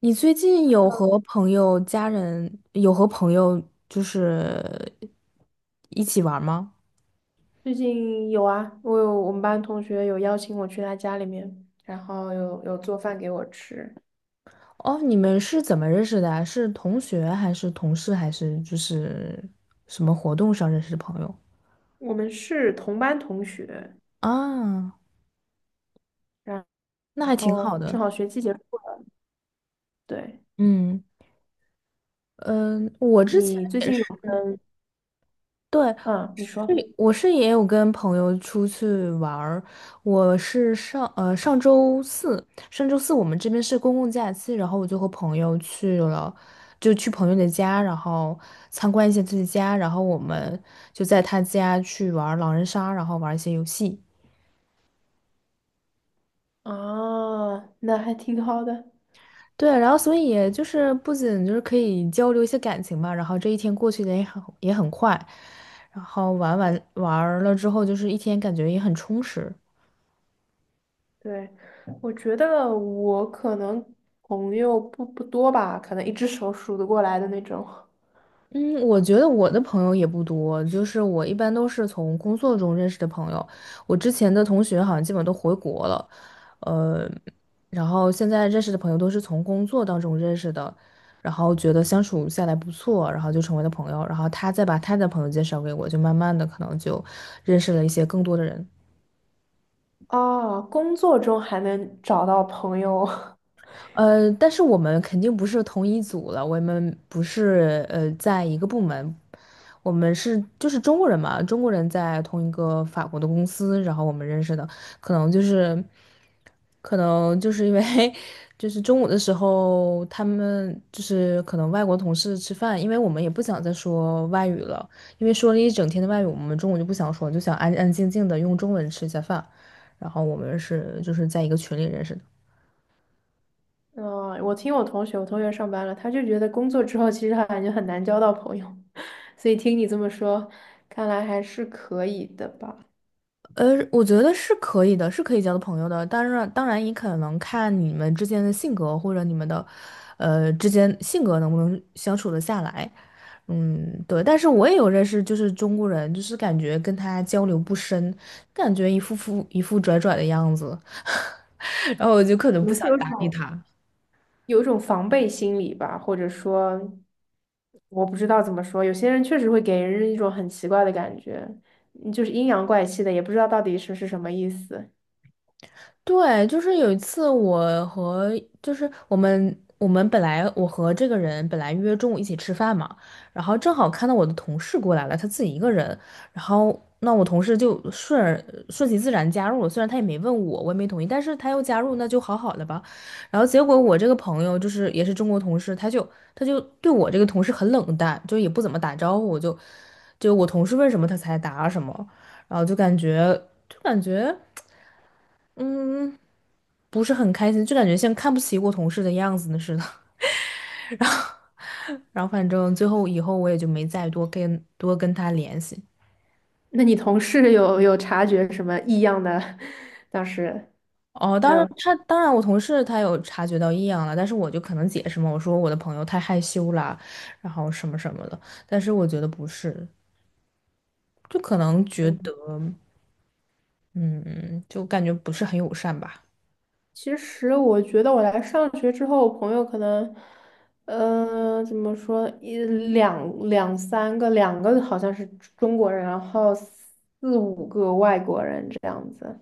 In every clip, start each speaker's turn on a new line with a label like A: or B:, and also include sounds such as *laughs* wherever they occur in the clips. A: 你最近有和朋友、家人有和朋友就是一起玩吗？
B: 最近有啊，我我们班同学邀请我去他家里面，然后有做饭给我吃。
A: 哦，你们是怎么认识的啊？是同学还是同事还是什么活动上认识的朋友
B: 我们是同班同学，
A: 啊？
B: 然
A: 那
B: 然
A: 还挺好
B: 后正
A: 的。
B: 好学期结束了。对，
A: 嗯嗯，我之前
B: 你最
A: 也
B: 近
A: 是。
B: 有跟
A: 对，
B: 嗯，你
A: 是
B: 说
A: 我也有跟朋友出去玩儿。我是上上周四，上周四我们这边是公共假期，然后我就和朋友去了，就去朋友的家，然后参观一下自己家，然后我们就在他家去玩儿狼人杀，然后玩儿一些游戏。
B: 啊，那还挺好的。
A: 对，然后所以也就是不仅就是可以交流一些感情吧，然后这一天过去的也很快，然后玩儿了之后，就是一天感觉也很充实。
B: 对，我觉得我可能朋友不多吧，可能一只手数得过来的那种。
A: 嗯，我觉得我的朋友也不多，就是我一般都是从工作中认识的朋友。我之前的同学好像基本都回国了，呃，然后现在认识的朋友都是从工作当中认识的，然后觉得相处下来不错，然后就成为了朋友，然后他再把他的朋友介绍给我，就慢慢的可能就认识了一些更多的人。
B: 啊，工作中还能找到朋友，*laughs*
A: 呃，但是我们肯定不是同一组了，我们不是在一个部门，我们就是中国人嘛，中国人在同一个法国的公司，然后我们认识的，可能就是可能就是因为 *laughs* 就是中午的时候，他们就是可能外国同事吃饭，因为我们也不想再说外语了，因为说了一整天的外语，我们中午就不想说，就想安安静静的用中文吃一下饭，然后我们就是在一个群里认识的。
B: 嗯，我听我同学，我同学上班了，他就觉得工作之后其实他感觉很难交到朋友，*laughs* 所以听你这么说，看来还是可以的吧？
A: 呃，我觉得是可以的，是可以交的朋友的。当然，当然也可能看你们之间的性格，或者你们的，呃，之间性格能不能相处得下来。嗯，对。但是我也有认识，就是中国人，就是感觉跟他交流不深，感觉一副拽拽的样子，*laughs* 然后我就可能
B: 可
A: 不
B: 能是
A: 想
B: 有
A: 搭理
B: 种
A: 他。
B: 有一种防备心理吧，或者说我不知道怎么说，有些人确实会给人一种很奇怪的感觉，嗯就是阴阳怪气的，也不知道到底是什么意思。
A: 对，就是有一次我们本来我和这个人本来约中午一起吃饭嘛，然后正好看到我的同事过来了，他自己一个人，然后那我同事就顺而顺其自然加入了，虽然他也没问我，我也没同意，但是他又加入，那就好好的吧。然后结果我这个朋友就是也是中国同事，他就对我这个同事很冷淡，就也不怎么打招呼，就就我同事问什么他才答什么，然后就感觉。不是很开心，就感觉像看不起我同事的样子似的。*laughs* 然后，然后反正最后以后我也就没再多跟他联系。
B: 那你同事有察觉什么异样的？*laughs* 当时
A: 哦，
B: 还有。
A: 当然我同事他有察觉到异样了，但是我就可能解释嘛，我说我的朋友太害羞啦，然后什么什么的。但是我觉得不是，就可能觉
B: 嗯。
A: 得嗯，就感觉不是很友善吧。
B: 其实我觉得我来上学之后，我朋友可能，呃，怎么说，两三个，两个好像是中国人，然后四五个外国人这样子。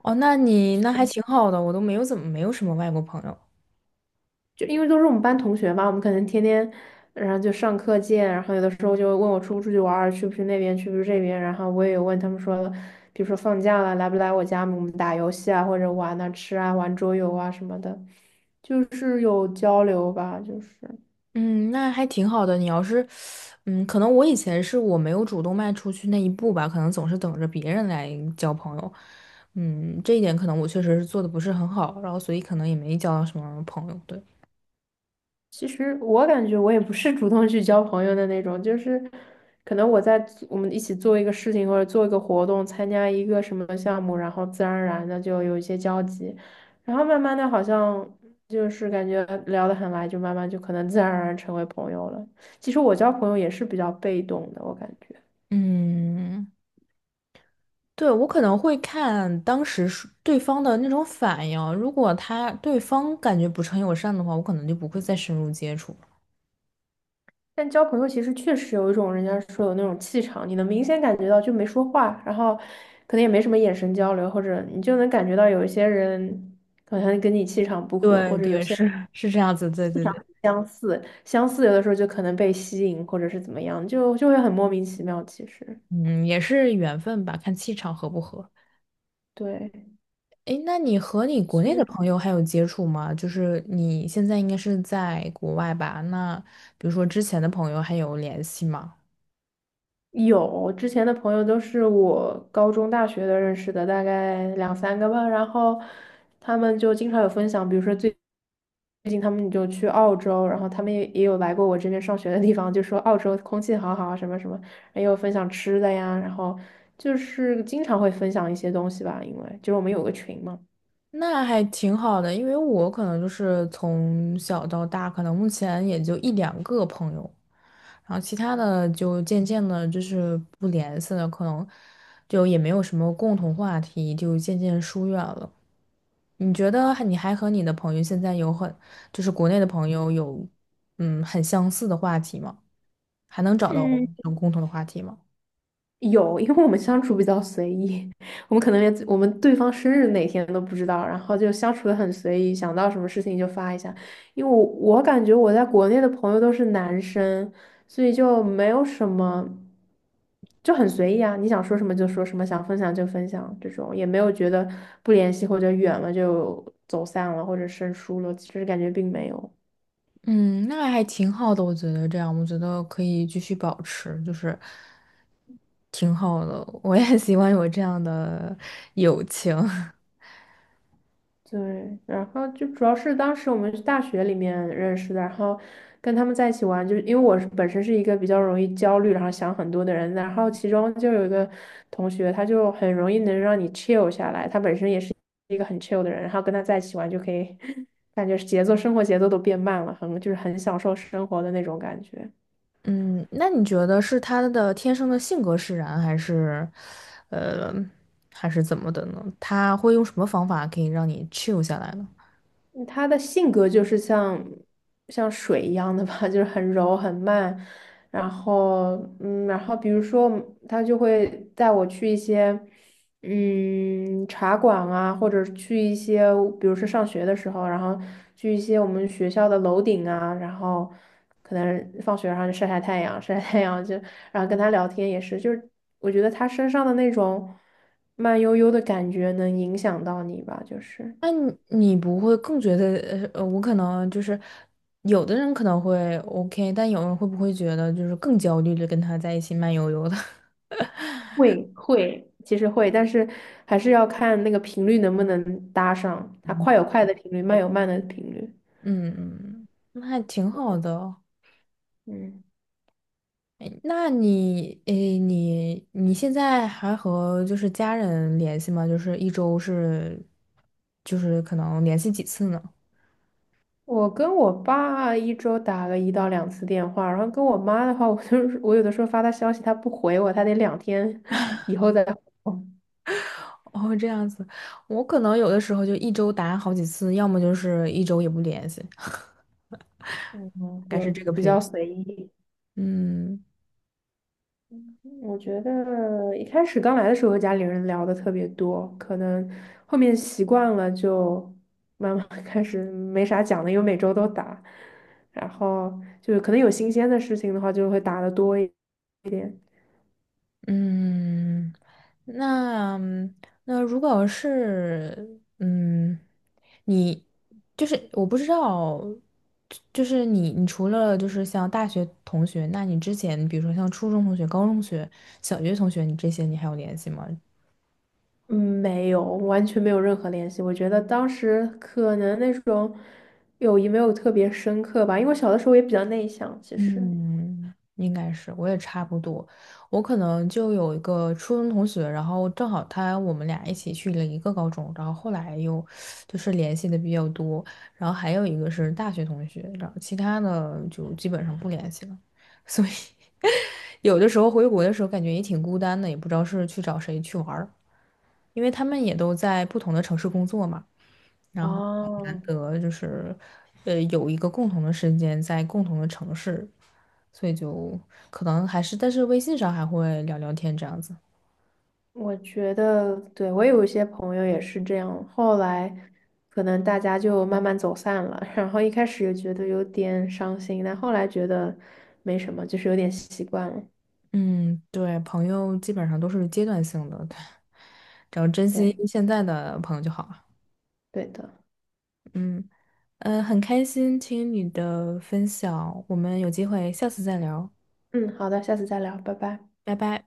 A: 哦，那你那还挺好的，我都没有什么外国朋友。
B: 就因为都是我们班同学嘛，我们可能天天，然后就上课见，然后有的时候就问我出不出去玩儿，去不去那边，去不去这边，然后我也有问他们说，比如说放假了，来不来我家，我们打游戏啊，或者玩啊、吃啊、玩桌游啊什么的，就是有交流吧，就是。
A: 嗯，那还挺好的。你要是，嗯，可能我以前是我没有主动迈出去那一步吧，可能总是等着别人来交朋友。嗯，这一点可能我确实是做的不是很好，然后所以可能也没交到什么朋友。对，
B: 其实我感觉我也不是主动去交朋友的那种，就是可能我在做我们一起做一个事情或者做一个活动，参加一个什么项目，然后自然而然的就有一些交集，然后慢慢的好像就是感觉聊得很来，就慢慢就可能自然而然成为朋友了。其实我交朋友也是比较被动的，我感觉。
A: 嗯，对，我可能会看当时是对方的那种反应，如果对方感觉不是很友善的话，我可能就不会再深入接触了
B: 但交朋友其实确实有一种人家说有那种气场，你能明显感觉到，就没说话，然后可能也没什么眼神交流，或者你就能感觉到有一些人好像跟你气场不合，
A: 对
B: 或者有
A: 对，
B: 些
A: 是这样子，对对对，
B: 相似有的时候就可能被吸引，或者是怎么样，就会很莫名其妙。其实，
A: 嗯，也是缘分吧，看气场合不合。
B: 对，
A: 诶，那你和你国
B: 其
A: 内的
B: 实。
A: 朋友还有接触吗？就是你现在应该是在国外吧？那比如说之前的朋友还有联系吗？
B: 有，之前的朋友都是我高中、大学的认识的，大概两三个吧。然后他们就经常有分享，比如说最近他们就去澳洲，然后他们也有来过我这边上学的地方，就说澳洲空气好好啊，什么什么，也有分享吃的呀，然后就是经常会分享一些东西吧，因为就是我们有个群嘛。
A: 那还挺好的，因为我可能就是从小到大，可能目前也就一两个朋友，然后其他的就渐渐的就是不联系了，可能就也没有什么共同话题，就渐渐疏远了。你觉得你还和你的朋友现在有很，就是国内的朋友有，嗯，很相似的话题吗？还能找到我
B: 嗯。
A: 们共同的话题吗？
B: 有，因为我们相处比较随意，*laughs* 我们可能连我们对方生日哪天都不知道，然后就相处的很随意，想到什么事情就发一下。因为我感觉我在国内的朋友都是男生，所以就没有什么，就很随意啊，你想说什么就说什么，想分享就分享，这种也没有觉得不联系或者远了就走散了或者生疏了，其实感觉并没有。
A: 嗯，那还挺好的，我觉得这样，我觉得可以继续保持，就是挺好的。我也 *laughs* 喜欢有这样的友情。*laughs*
B: 对，然后就主要是当时我们是大学里面认识的，然后跟他们在一起玩，就是因为我是本身是一个比较容易焦虑，然后想很多的人，然后其中就有一个同学，他就很容易能让你 chill 下来，他本身也是一个很 chill 的人，然后跟他在一起玩就可以 *laughs*，感觉是节奏，生活节奏都变慢了，很就是很享受生活的那种感觉。
A: 嗯，那你觉得是他的天生的性格使然，还是，呃，还是怎么的呢？他会用什么方法可以让你 chill 下来呢？
B: 嗯他的性格就是像水一样的吧，*laughs* 就是很柔很慢，然后嗯，然后比如说他就会带我去一些嗯茶馆啊，或者去一些，比如说上学的时候，然后去一些我们学校的楼顶啊，然后可能放学然后就晒晒太阳，*laughs* 晒晒太阳就然后跟他聊天也是，就是我觉得他身上的那种慢悠悠的感觉能影响到你吧，就是。
A: 那你你不会更觉得，呃，我可能就是有的人可能会 OK,但有人会不会觉得就是更焦虑的跟他在一起慢悠悠的？*laughs*
B: 会会，其实会，但是还是要看那个频率能不能搭上，它
A: 嗯
B: 快有快的频率，慢有慢的频率。
A: 嗯，那还挺好的哦。
B: 嗯，
A: 哎，那你，诶，你你现在还和就是家人联系吗？就是一周是，就是可能联系几次呢？
B: 我跟我爸一周打个一到两次电话，然后跟我妈的话，我就是我有的时候发她消息，她不回我，她得两天以后再回我。
A: *laughs* 哦，这样子，我可能有的时候就一周打好几次，要么就是一周也不联系，*laughs*
B: 嗯，
A: 大概是
B: 就
A: 这个
B: 比
A: 频
B: 较
A: 率。
B: 随意。
A: 嗯。
B: 我觉得一开始刚来的时候和家里人聊的特别多，可能后面习惯了就慢慢 *laughs* 开始没啥讲的，因为每周都打，然后就是可能有新鲜的事情的话就会打的多一点。
A: 嗯，那那如果是嗯，你就是我不知道，就是你你除了就是像大学同学，那你之前比如说像初中同学、高中同学、小学同学，你这些你还有联系吗？
B: 嗯，没有，完全没有任何联系。我觉得当时可能那种友谊没有特别深刻吧，因为我小的时候也比较内向，其实。
A: 嗯，应该是，我也差不多。我可能就有一个初中同学，然后正好我们俩一起去了一个高中，然后后来又就是联系的比较多。然后还有一个是大学同学，然后其他的就基本上不联系了。所以有的时候回国的时候感觉也挺孤单的，也不知道是去找谁去玩儿，因为他们也都在不同的城市工作嘛。然后很难
B: 哦，
A: 得就是，呃，有一个共同的时间在共同的城市，所以就可能还是，但是微信上还会聊聊天这样子。
B: 我觉得，对，我有一些朋友也是这样，后来可能大家就慢慢走散了，*laughs* 然后一开始也觉得有点伤心，但后来觉得没什么，就是有点习惯了。
A: 嗯，对，朋友基本上都是阶段性的，*laughs* 对，只要珍惜
B: 对，
A: 现在的朋友就好了。
B: 对的。
A: 嗯，呃，很开心听你的分享，我们有机会下次再聊，
B: 嗯，好的，下次再聊，拜拜。
A: 拜拜。